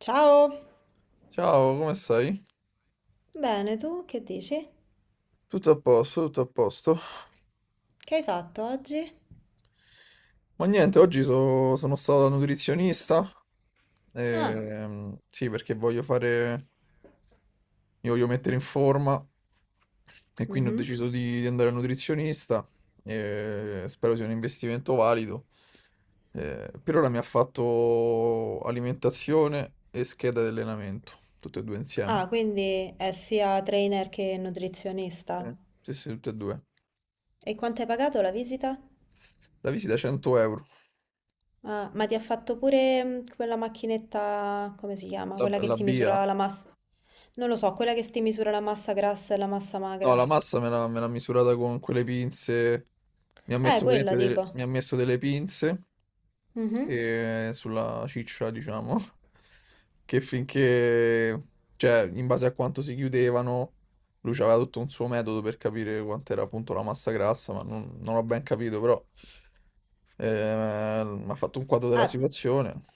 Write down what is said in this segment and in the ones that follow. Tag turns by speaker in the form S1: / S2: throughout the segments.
S1: Ciao!
S2: Ciao, come stai?
S1: Bene, tu che dici?
S2: Tutto a posto, tutto a posto.
S1: Che hai fatto oggi?
S2: Ma niente, oggi sono stato da nutrizionista.
S1: Ah,
S2: Sì, perché voglio fare, mi voglio mettere in forma e quindi ho
S1: mhm.
S2: deciso di andare al nutrizionista. E spero sia un investimento valido. Per ora mi ha fatto alimentazione e scheda di allenamento, tutte e due
S1: Ah,
S2: insieme.
S1: quindi è sia trainer che
S2: Sì,
S1: nutrizionista.
S2: sì, sì, tutte e due.
S1: E quanto hai pagato la visita?
S2: La visita 100 euro.
S1: Ah, ma ti ha fatto pure quella macchinetta, come si chiama?
S2: La,
S1: Quella che
S2: la
S1: ti
S2: BIA.
S1: misura la massa. Non lo so, quella che ti misura la massa grassa e la massa
S2: No,
S1: magra.
S2: la massa me l'ha misurata con quelle pinze. Mi ha messo,
S1: Quella
S2: praticamente delle,
S1: dico.
S2: mi ha messo delle pinze
S1: Mhm.
S2: che sulla ciccia, diciamo, che finché, cioè, in base a quanto si chiudevano, lui aveva tutto un suo metodo per capire quant'era appunto la massa grassa, ma non ho ben capito, però mi ha fatto un quadro della
S1: Ah,
S2: situazione.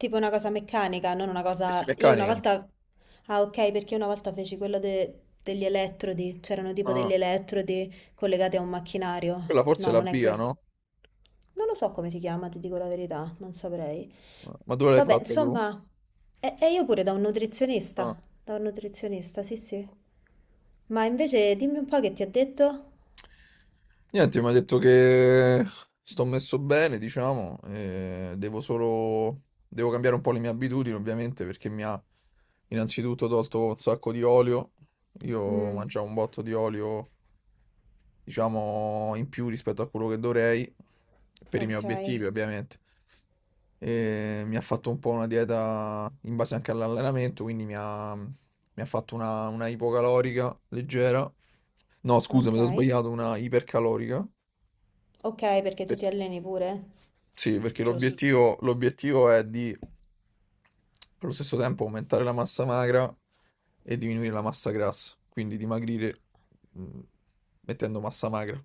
S1: tipo una cosa meccanica, non una
S2: Pessi
S1: cosa... Io una
S2: meccanica.
S1: volta... Ah, ok, perché una volta feci degli elettrodi, c'erano tipo
S2: Ah,
S1: degli elettrodi collegati a un macchinario.
S2: quella forse è
S1: No,
S2: la
S1: non è
S2: BIA,
S1: quello.
S2: no?
S1: Non lo so come si chiama, ti dico la verità, non saprei.
S2: Ma dove l'hai
S1: Vabbè,
S2: fatta tu?
S1: insomma, e io pure
S2: Ah.
S1: da un nutrizionista, sì, sì. Ma invece dimmi un po' che ti ha detto?
S2: Niente, mi ha detto che sto messo bene, diciamo, e devo solo... devo cambiare un po' le mie abitudini, ovviamente, perché mi ha innanzitutto tolto un sacco di olio. Io
S1: Mm,
S2: mangiavo un botto di olio, diciamo, in più rispetto a quello che dovrei, per i miei
S1: ok,
S2: obiettivi, ovviamente. E mi ha fatto un po' una dieta in base anche all'allenamento, quindi mi ha fatto una ipocalorica leggera. No, scusa,
S1: ok.
S2: mi sono sbagliato, una ipercalorica.
S1: Ok, perché tu
S2: Per-
S1: ti alleni pure?
S2: Sì, perché
S1: Giusto.
S2: l'obiettivo è di, allo stesso tempo, aumentare la massa magra e diminuire la massa grassa, quindi dimagrire mm, mettendo massa magra.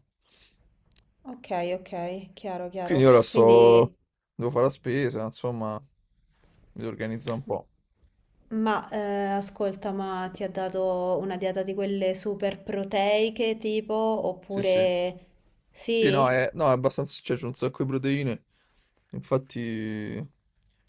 S1: Ok, ok, chiaro, chiaro.
S2: Quindi ora sto,
S1: Quindi,
S2: devo fare la spesa, insomma, mi organizzo un po'.
S1: ma ascolta, ma ti ha dato una dieta di quelle super proteiche tipo,
S2: Sì, sì.
S1: oppure
S2: Sì, no,
S1: sì?
S2: è abbastanza, cioè, c'è un sacco di proteine. Infatti,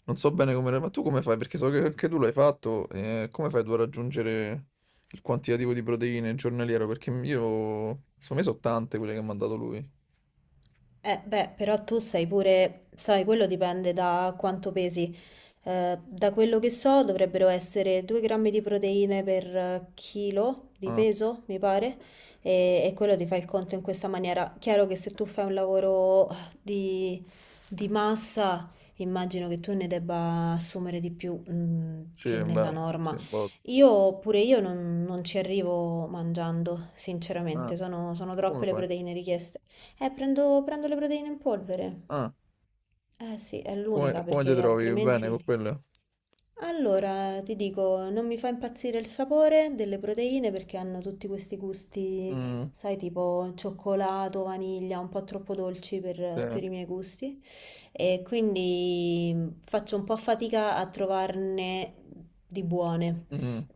S2: non so bene come... Ma tu come fai? Perché so che anche tu l'hai fatto. Come fai tu a raggiungere il quantitativo di proteine giornaliero? Perché io... Secondo me sono tante quelle che mi ha dato lui.
S1: Beh, però tu sei pure, sai, quello dipende da quanto pesi. Da quello che so, dovrebbero essere 2 grammi di proteine per chilo di
S2: Ah,
S1: peso, mi pare, e quello ti fa il conto in questa maniera. Chiaro che se tu fai un lavoro di, di massa, immagino che tu ne debba assumere di più,
S2: sì,
S1: che nella
S2: beh, sì,
S1: norma.
S2: un botto.
S1: Io pure io non ci arrivo mangiando,
S2: Ah,
S1: sinceramente, sono
S2: come
S1: troppe le
S2: fai?
S1: proteine richieste. Prendo le proteine in polvere.
S2: Ah,
S1: Eh sì, è
S2: come,
S1: l'unica
S2: come ti
S1: perché
S2: trovi? Bene con
S1: altrimenti...
S2: quelle?
S1: Allora, ti dico, non mi fa impazzire il sapore delle proteine perché hanno tutti questi gusti,
S2: Mm,
S1: sai, tipo cioccolato, vaniglia, un po' troppo dolci
S2: sì.
S1: per i miei gusti. E quindi faccio un po' fatica a trovarne di buone.
S2: Mm,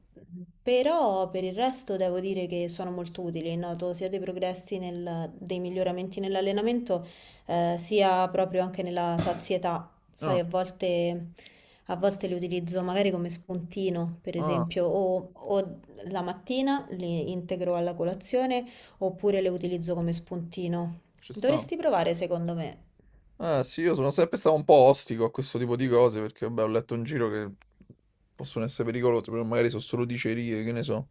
S1: Però per il resto devo dire che sono molto utili, noto sia dei progressi nel- dei miglioramenti nell'allenamento, sia proprio anche nella sazietà. Sai,
S2: ah,
S1: a volte li utilizzo magari come spuntino, per
S2: ah,
S1: esempio, o la mattina li integro alla colazione oppure le utilizzo come spuntino.
S2: ci sta.
S1: Dovresti provare, secondo me.
S2: Eh sì, io sono sempre stato un po' ostico a questo tipo di cose perché vabbè, ho letto in giro che possono essere pericolose, però magari sono solo dicerie, che ne so.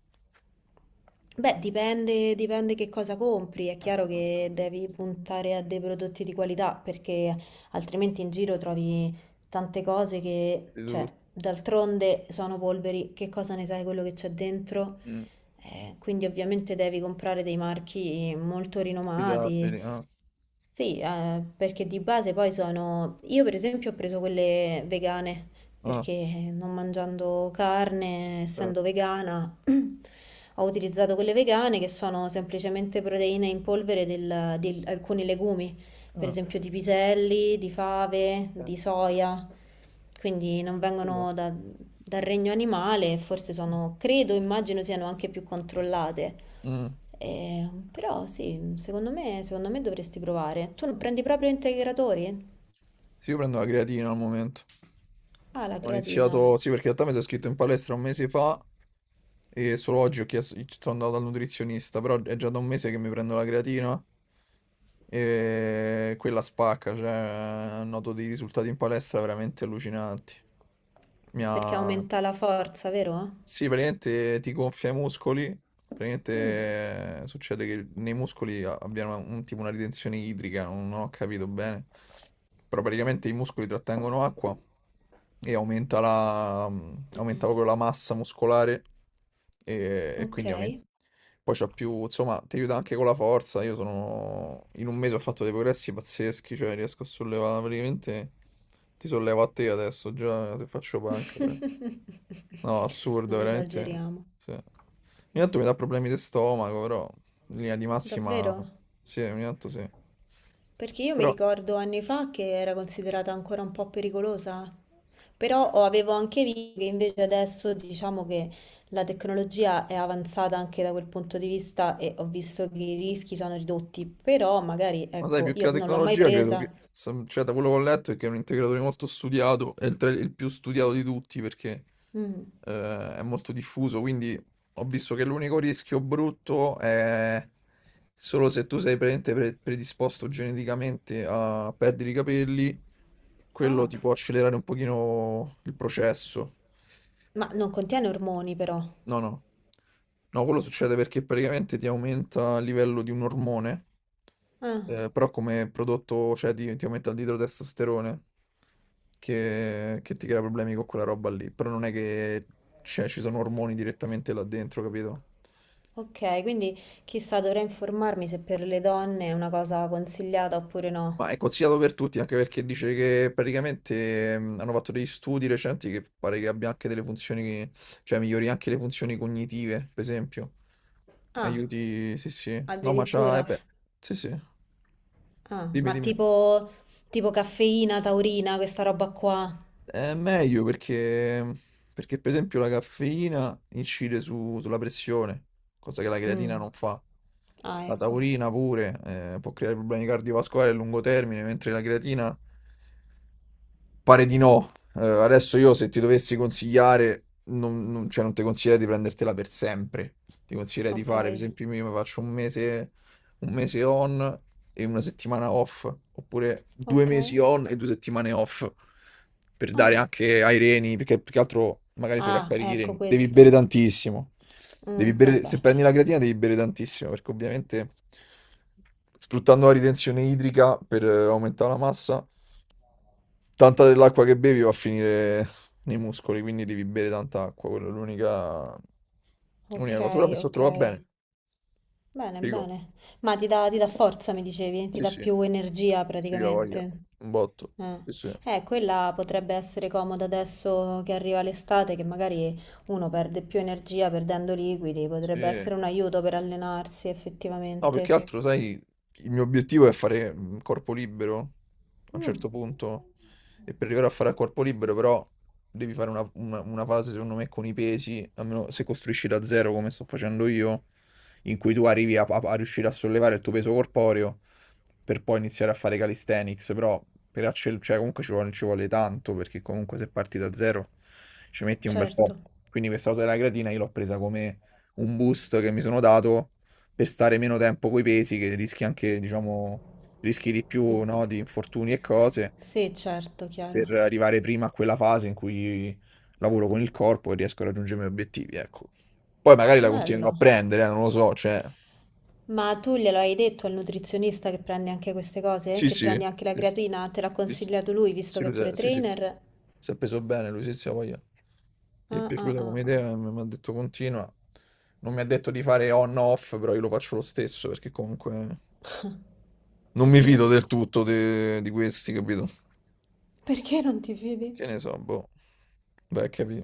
S1: Beh, dipende, dipende che cosa compri. È chiaro che devi puntare a dei prodotti di qualità perché altrimenti in giro trovi tante cose che,
S2: Di
S1: cioè,
S2: tutto.
S1: d'altronde sono polveri. Che cosa ne sai quello che c'è dentro?
S2: Mm,
S1: Quindi ovviamente devi comprare dei marchi molto rinomati
S2: affidabili, ah,
S1: sì, perché di base poi sono... Io per esempio ho preso quelle vegane,
S2: ah,
S1: perché non mangiando carne, essendo
S2: certo,
S1: vegana, ho utilizzato quelle vegane che sono semplicemente proteine in polvere di alcuni legumi per
S2: ah,
S1: esempio di piselli, di fave,
S2: certo,
S1: di soia, quindi non
S2: figo.
S1: vengono da- dal regno animale, e forse sono, credo, immagino siano anche più controllate.
S2: Mm.
S1: Però sì, secondo me dovresti provare. Tu non prendi proprio integratori?
S2: Sì, io prendo la creatina al momento.
S1: Ah, la
S2: Ho
S1: creatina,
S2: iniziato, sì, perché in realtà mi sono iscritto in palestra un mese fa. E solo oggi ho chiesto, sono andato dal nutrizionista, però è già da un mese che mi prendo la creatina e quella spacca, cioè noto dei risultati in palestra veramente allucinanti. Mi
S1: perché
S2: ha...
S1: aumenta la forza, vero?
S2: Sì, praticamente ti gonfia i muscoli,
S1: Mm.
S2: praticamente succede che nei muscoli abbiano un, tipo una ritenzione idrica, non ho capito bene, però praticamente i muscoli trattengono acqua e aumenta la, aumenta proprio la massa muscolare e
S1: Ok.
S2: quindi poi c'ho più, insomma, ti aiuta anche con la forza. Io sono, in un mese ho fatto dei progressi pazzeschi, cioè riesco a sollevare praticamente, ti sollevo a te adesso, già se faccio panca. No, assurdo,
S1: Non
S2: veramente.
S1: esageriamo.
S2: Sì. Ogni tanto mi dà problemi di stomaco, però in linea di massima,
S1: Davvero?
S2: sì, ogni tanto sì.
S1: Perché io mi
S2: Però...
S1: ricordo anni fa che era considerata ancora un po' pericolosa, però avevo anche visto che invece adesso diciamo che la tecnologia è avanzata anche da quel punto di vista e ho visto che i rischi sono ridotti, però magari
S2: Ma sai,
S1: ecco,
S2: più che
S1: io
S2: la
S1: non l'ho mai
S2: tecnologia, credo
S1: presa.
S2: che, cioè, da quello che ho letto, è che è un integratore molto studiato, è il più studiato di tutti perché
S1: Mm.
S2: è molto diffuso, quindi ho visto che l'unico rischio brutto è solo se tu sei praticamente predisposto geneticamente a perdere i capelli, quello
S1: Ah,
S2: ti può accelerare un pochino il processo.
S1: ma non contiene ormoni però.
S2: No, no. No, quello succede perché praticamente ti aumenta il livello di un ormone,
S1: Ah,
S2: però come prodotto, cioè ti aumenta il idrotestosterone che ti crea problemi con quella roba lì. Però non è che cioè, ci sono ormoni direttamente là dentro, capito?
S1: ok, quindi chissà, dovrei informarmi se per le donne è una cosa consigliata oppure no.
S2: Ma è consigliato per tutti, anche perché dice che praticamente hanno fatto degli studi recenti che pare che abbia anche delle funzioni, cioè migliori anche le funzioni cognitive, per esempio.
S1: Ah,
S2: Aiuti, sì, sì. No, ma c'ha,
S1: addirittura.
S2: beh, sì, sì.
S1: Ah,
S2: Dimmi,
S1: ma
S2: dimmi.
S1: tipo, tipo caffeina, taurina, questa roba qua.
S2: È meglio perché, perché, per esempio, la caffeina incide sulla pressione, cosa che la
S1: Mm.
S2: creatina non fa.
S1: Ah,
S2: La
S1: ecco.
S2: taurina pure, può creare problemi cardiovascolari a lungo termine, mentre la creatina pare di no. Adesso io se ti dovessi consigliare, cioè, non ti consiglierei di prendertela per sempre. Ti consiglierei di
S1: Ok,
S2: fare, per esempio, io mi faccio un mese on e una settimana off, oppure due
S1: ok.
S2: mesi on e due settimane off, per dare
S1: Ah,
S2: anche ai reni, perché più che altro magari
S1: ah,
S2: sovraccarichi i
S1: ecco
S2: reni. Devi bere
S1: questo.
S2: tantissimo. Devi
S1: Mm,
S2: bere, se
S1: vabbè.
S2: prendi la creatina devi bere tantissimo, perché ovviamente sfruttando la ritenzione idrica per aumentare la massa. Tanta dell'acqua che bevi va a finire nei muscoli, quindi devi bere tanta acqua, quella è
S1: Ok,
S2: l'unica cosa. Però mi sono
S1: ok.
S2: trovato bene,
S1: Bene,
S2: figo.
S1: bene. Ma ti dà forza, mi dicevi, ti
S2: Sì,
S1: dà
S2: sì,
S1: più energia
S2: sì, la voglia.
S1: praticamente.
S2: Un botto.
S1: Eh.
S2: Sì, sì.
S1: Quella potrebbe essere comoda adesso che arriva l'estate, che magari uno perde più energia perdendo liquidi, potrebbe
S2: Sì.
S1: essere un aiuto per allenarsi
S2: No, più che
S1: effettivamente.
S2: altro, sai, il mio obiettivo è fare corpo libero a un
S1: Mm,
S2: certo punto. E per arrivare a fare a corpo libero, però, devi fare una fase, secondo me, con i pesi, almeno se costruisci da zero, come sto facendo io, in cui tu arrivi a riuscire a sollevare il tuo peso corporeo per poi iniziare a fare calisthenics. Però, cioè, comunque ci vuole tanto, perché comunque se parti da zero ci metti un bel po'.
S1: certo.
S2: Quindi questa cosa della creatina io l'ho presa come un boost che mi sono dato per stare meno tempo coi pesi, che rischi anche, diciamo, rischi di più, no, di infortuni e cose,
S1: Sì, certo,
S2: per
S1: chiaro.
S2: arrivare prima a quella fase in cui lavoro con il corpo e riesco a raggiungere i miei obiettivi, ecco. Poi magari la continuerò a
S1: Bello.
S2: prendere, non lo so, cioè...
S1: Ma tu glielo hai detto al nutrizionista che prendi anche queste cose?
S2: Sì,
S1: Che
S2: sì,
S1: prendi anche la
S2: sì,
S1: creatina?
S2: sì,
S1: Te l'ha
S2: sì,
S1: consigliato lui, visto
S2: sì,
S1: che è
S2: lui
S1: pure
S2: lo sa.
S1: trainer?
S2: Si è preso bene, lui sì, sì, ha voglia. Gli è
S1: Ah, ah,
S2: piaciuta
S1: ah,
S2: come
S1: ah.
S2: idea, mi ha detto continua. Non mi ha detto di fare on-off, però io lo faccio lo stesso, perché comunque... Non mi
S1: Ok.
S2: fido del tutto de di questi, capito?
S1: Perché non ti fidi?
S2: Che ne so, boh. Vai a capì.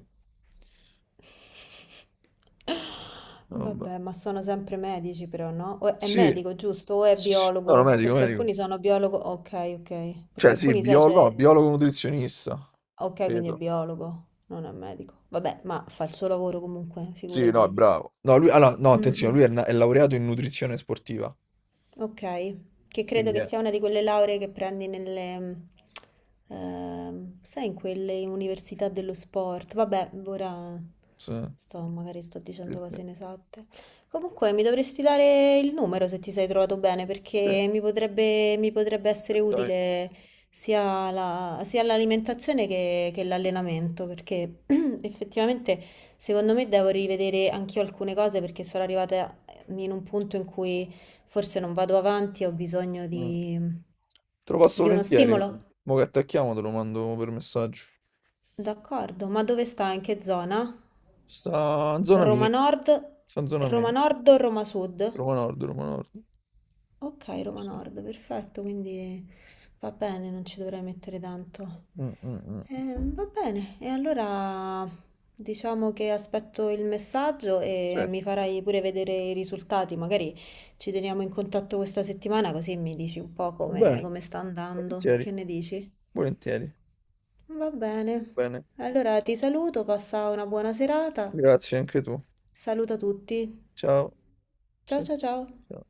S2: Vabbè.
S1: Vabbè, ma sono sempre medici però, no? O è
S2: Sì.
S1: medico, giusto? O è
S2: Sì, sì. No, no,
S1: biologo?
S2: medico,
S1: Perché
S2: medico.
S1: alcuni sono biologo... Ok, ok. Perché
S2: Cioè sì,
S1: alcuni, sai, c'è...
S2: biologo nutrizionista,
S1: Ok, quindi è
S2: credo.
S1: biologo, non è medico. Vabbè, ma fa il suo lavoro comunque,
S2: Sì, no, è
S1: figurati.
S2: bravo. No, lui allora, no,
S1: Mm,
S2: attenzione, lui è,
S1: mm.
S2: è laureato in nutrizione sportiva.
S1: Ok, che credo
S2: Quindi
S1: che
S2: è.
S1: sia una di quelle lauree che prendi nelle, sai, in quelle università dello sport. Vabbè, ora
S2: Sì,
S1: sto, magari sto
S2: sì,
S1: dicendo
S2: sì,
S1: cose inesatte. Comunque, mi dovresti dare il numero se ti sei trovato bene,
S2: sì,
S1: perché mi potrebbe essere
S2: dai.
S1: utile sia l'alimentazione che l'allenamento, perché effettivamente secondo me devo rivedere anch'io alcune cose perché sono arrivata in un punto in cui... Forse non vado avanti, ho bisogno
S2: Mm. Te lo passo
S1: di uno
S2: volentieri, guarda.
S1: stimolo.
S2: Mo che attacchiamo te lo mando per messaggio.
S1: D'accordo, ma dove sta? In che zona?
S2: Sta in zona mia,
S1: Roma Nord,
S2: sta in zona mia,
S1: Roma
S2: sì.
S1: Nord o Roma Sud?
S2: Roma Nord, Roma Nord.
S1: Ok, Roma
S2: Sì.
S1: Nord, perfetto, quindi va bene, non ci dovrei mettere tanto.
S2: Mm, mm, mm.
S1: Va bene, e allora diciamo che aspetto il messaggio e
S2: Sì.
S1: mi farai pure vedere i risultati, magari ci teniamo in contatto questa settimana così mi dici un po'
S2: Va bene,
S1: come sta andando,
S2: volentieri,
S1: che ne dici?
S2: volentieri.
S1: Va bene,
S2: Bene,
S1: allora ti saluto, passa una buona serata,
S2: grazie anche tu.
S1: saluta tutti,
S2: Ciao,
S1: ciao
S2: ciao,
S1: ciao ciao.
S2: ciao.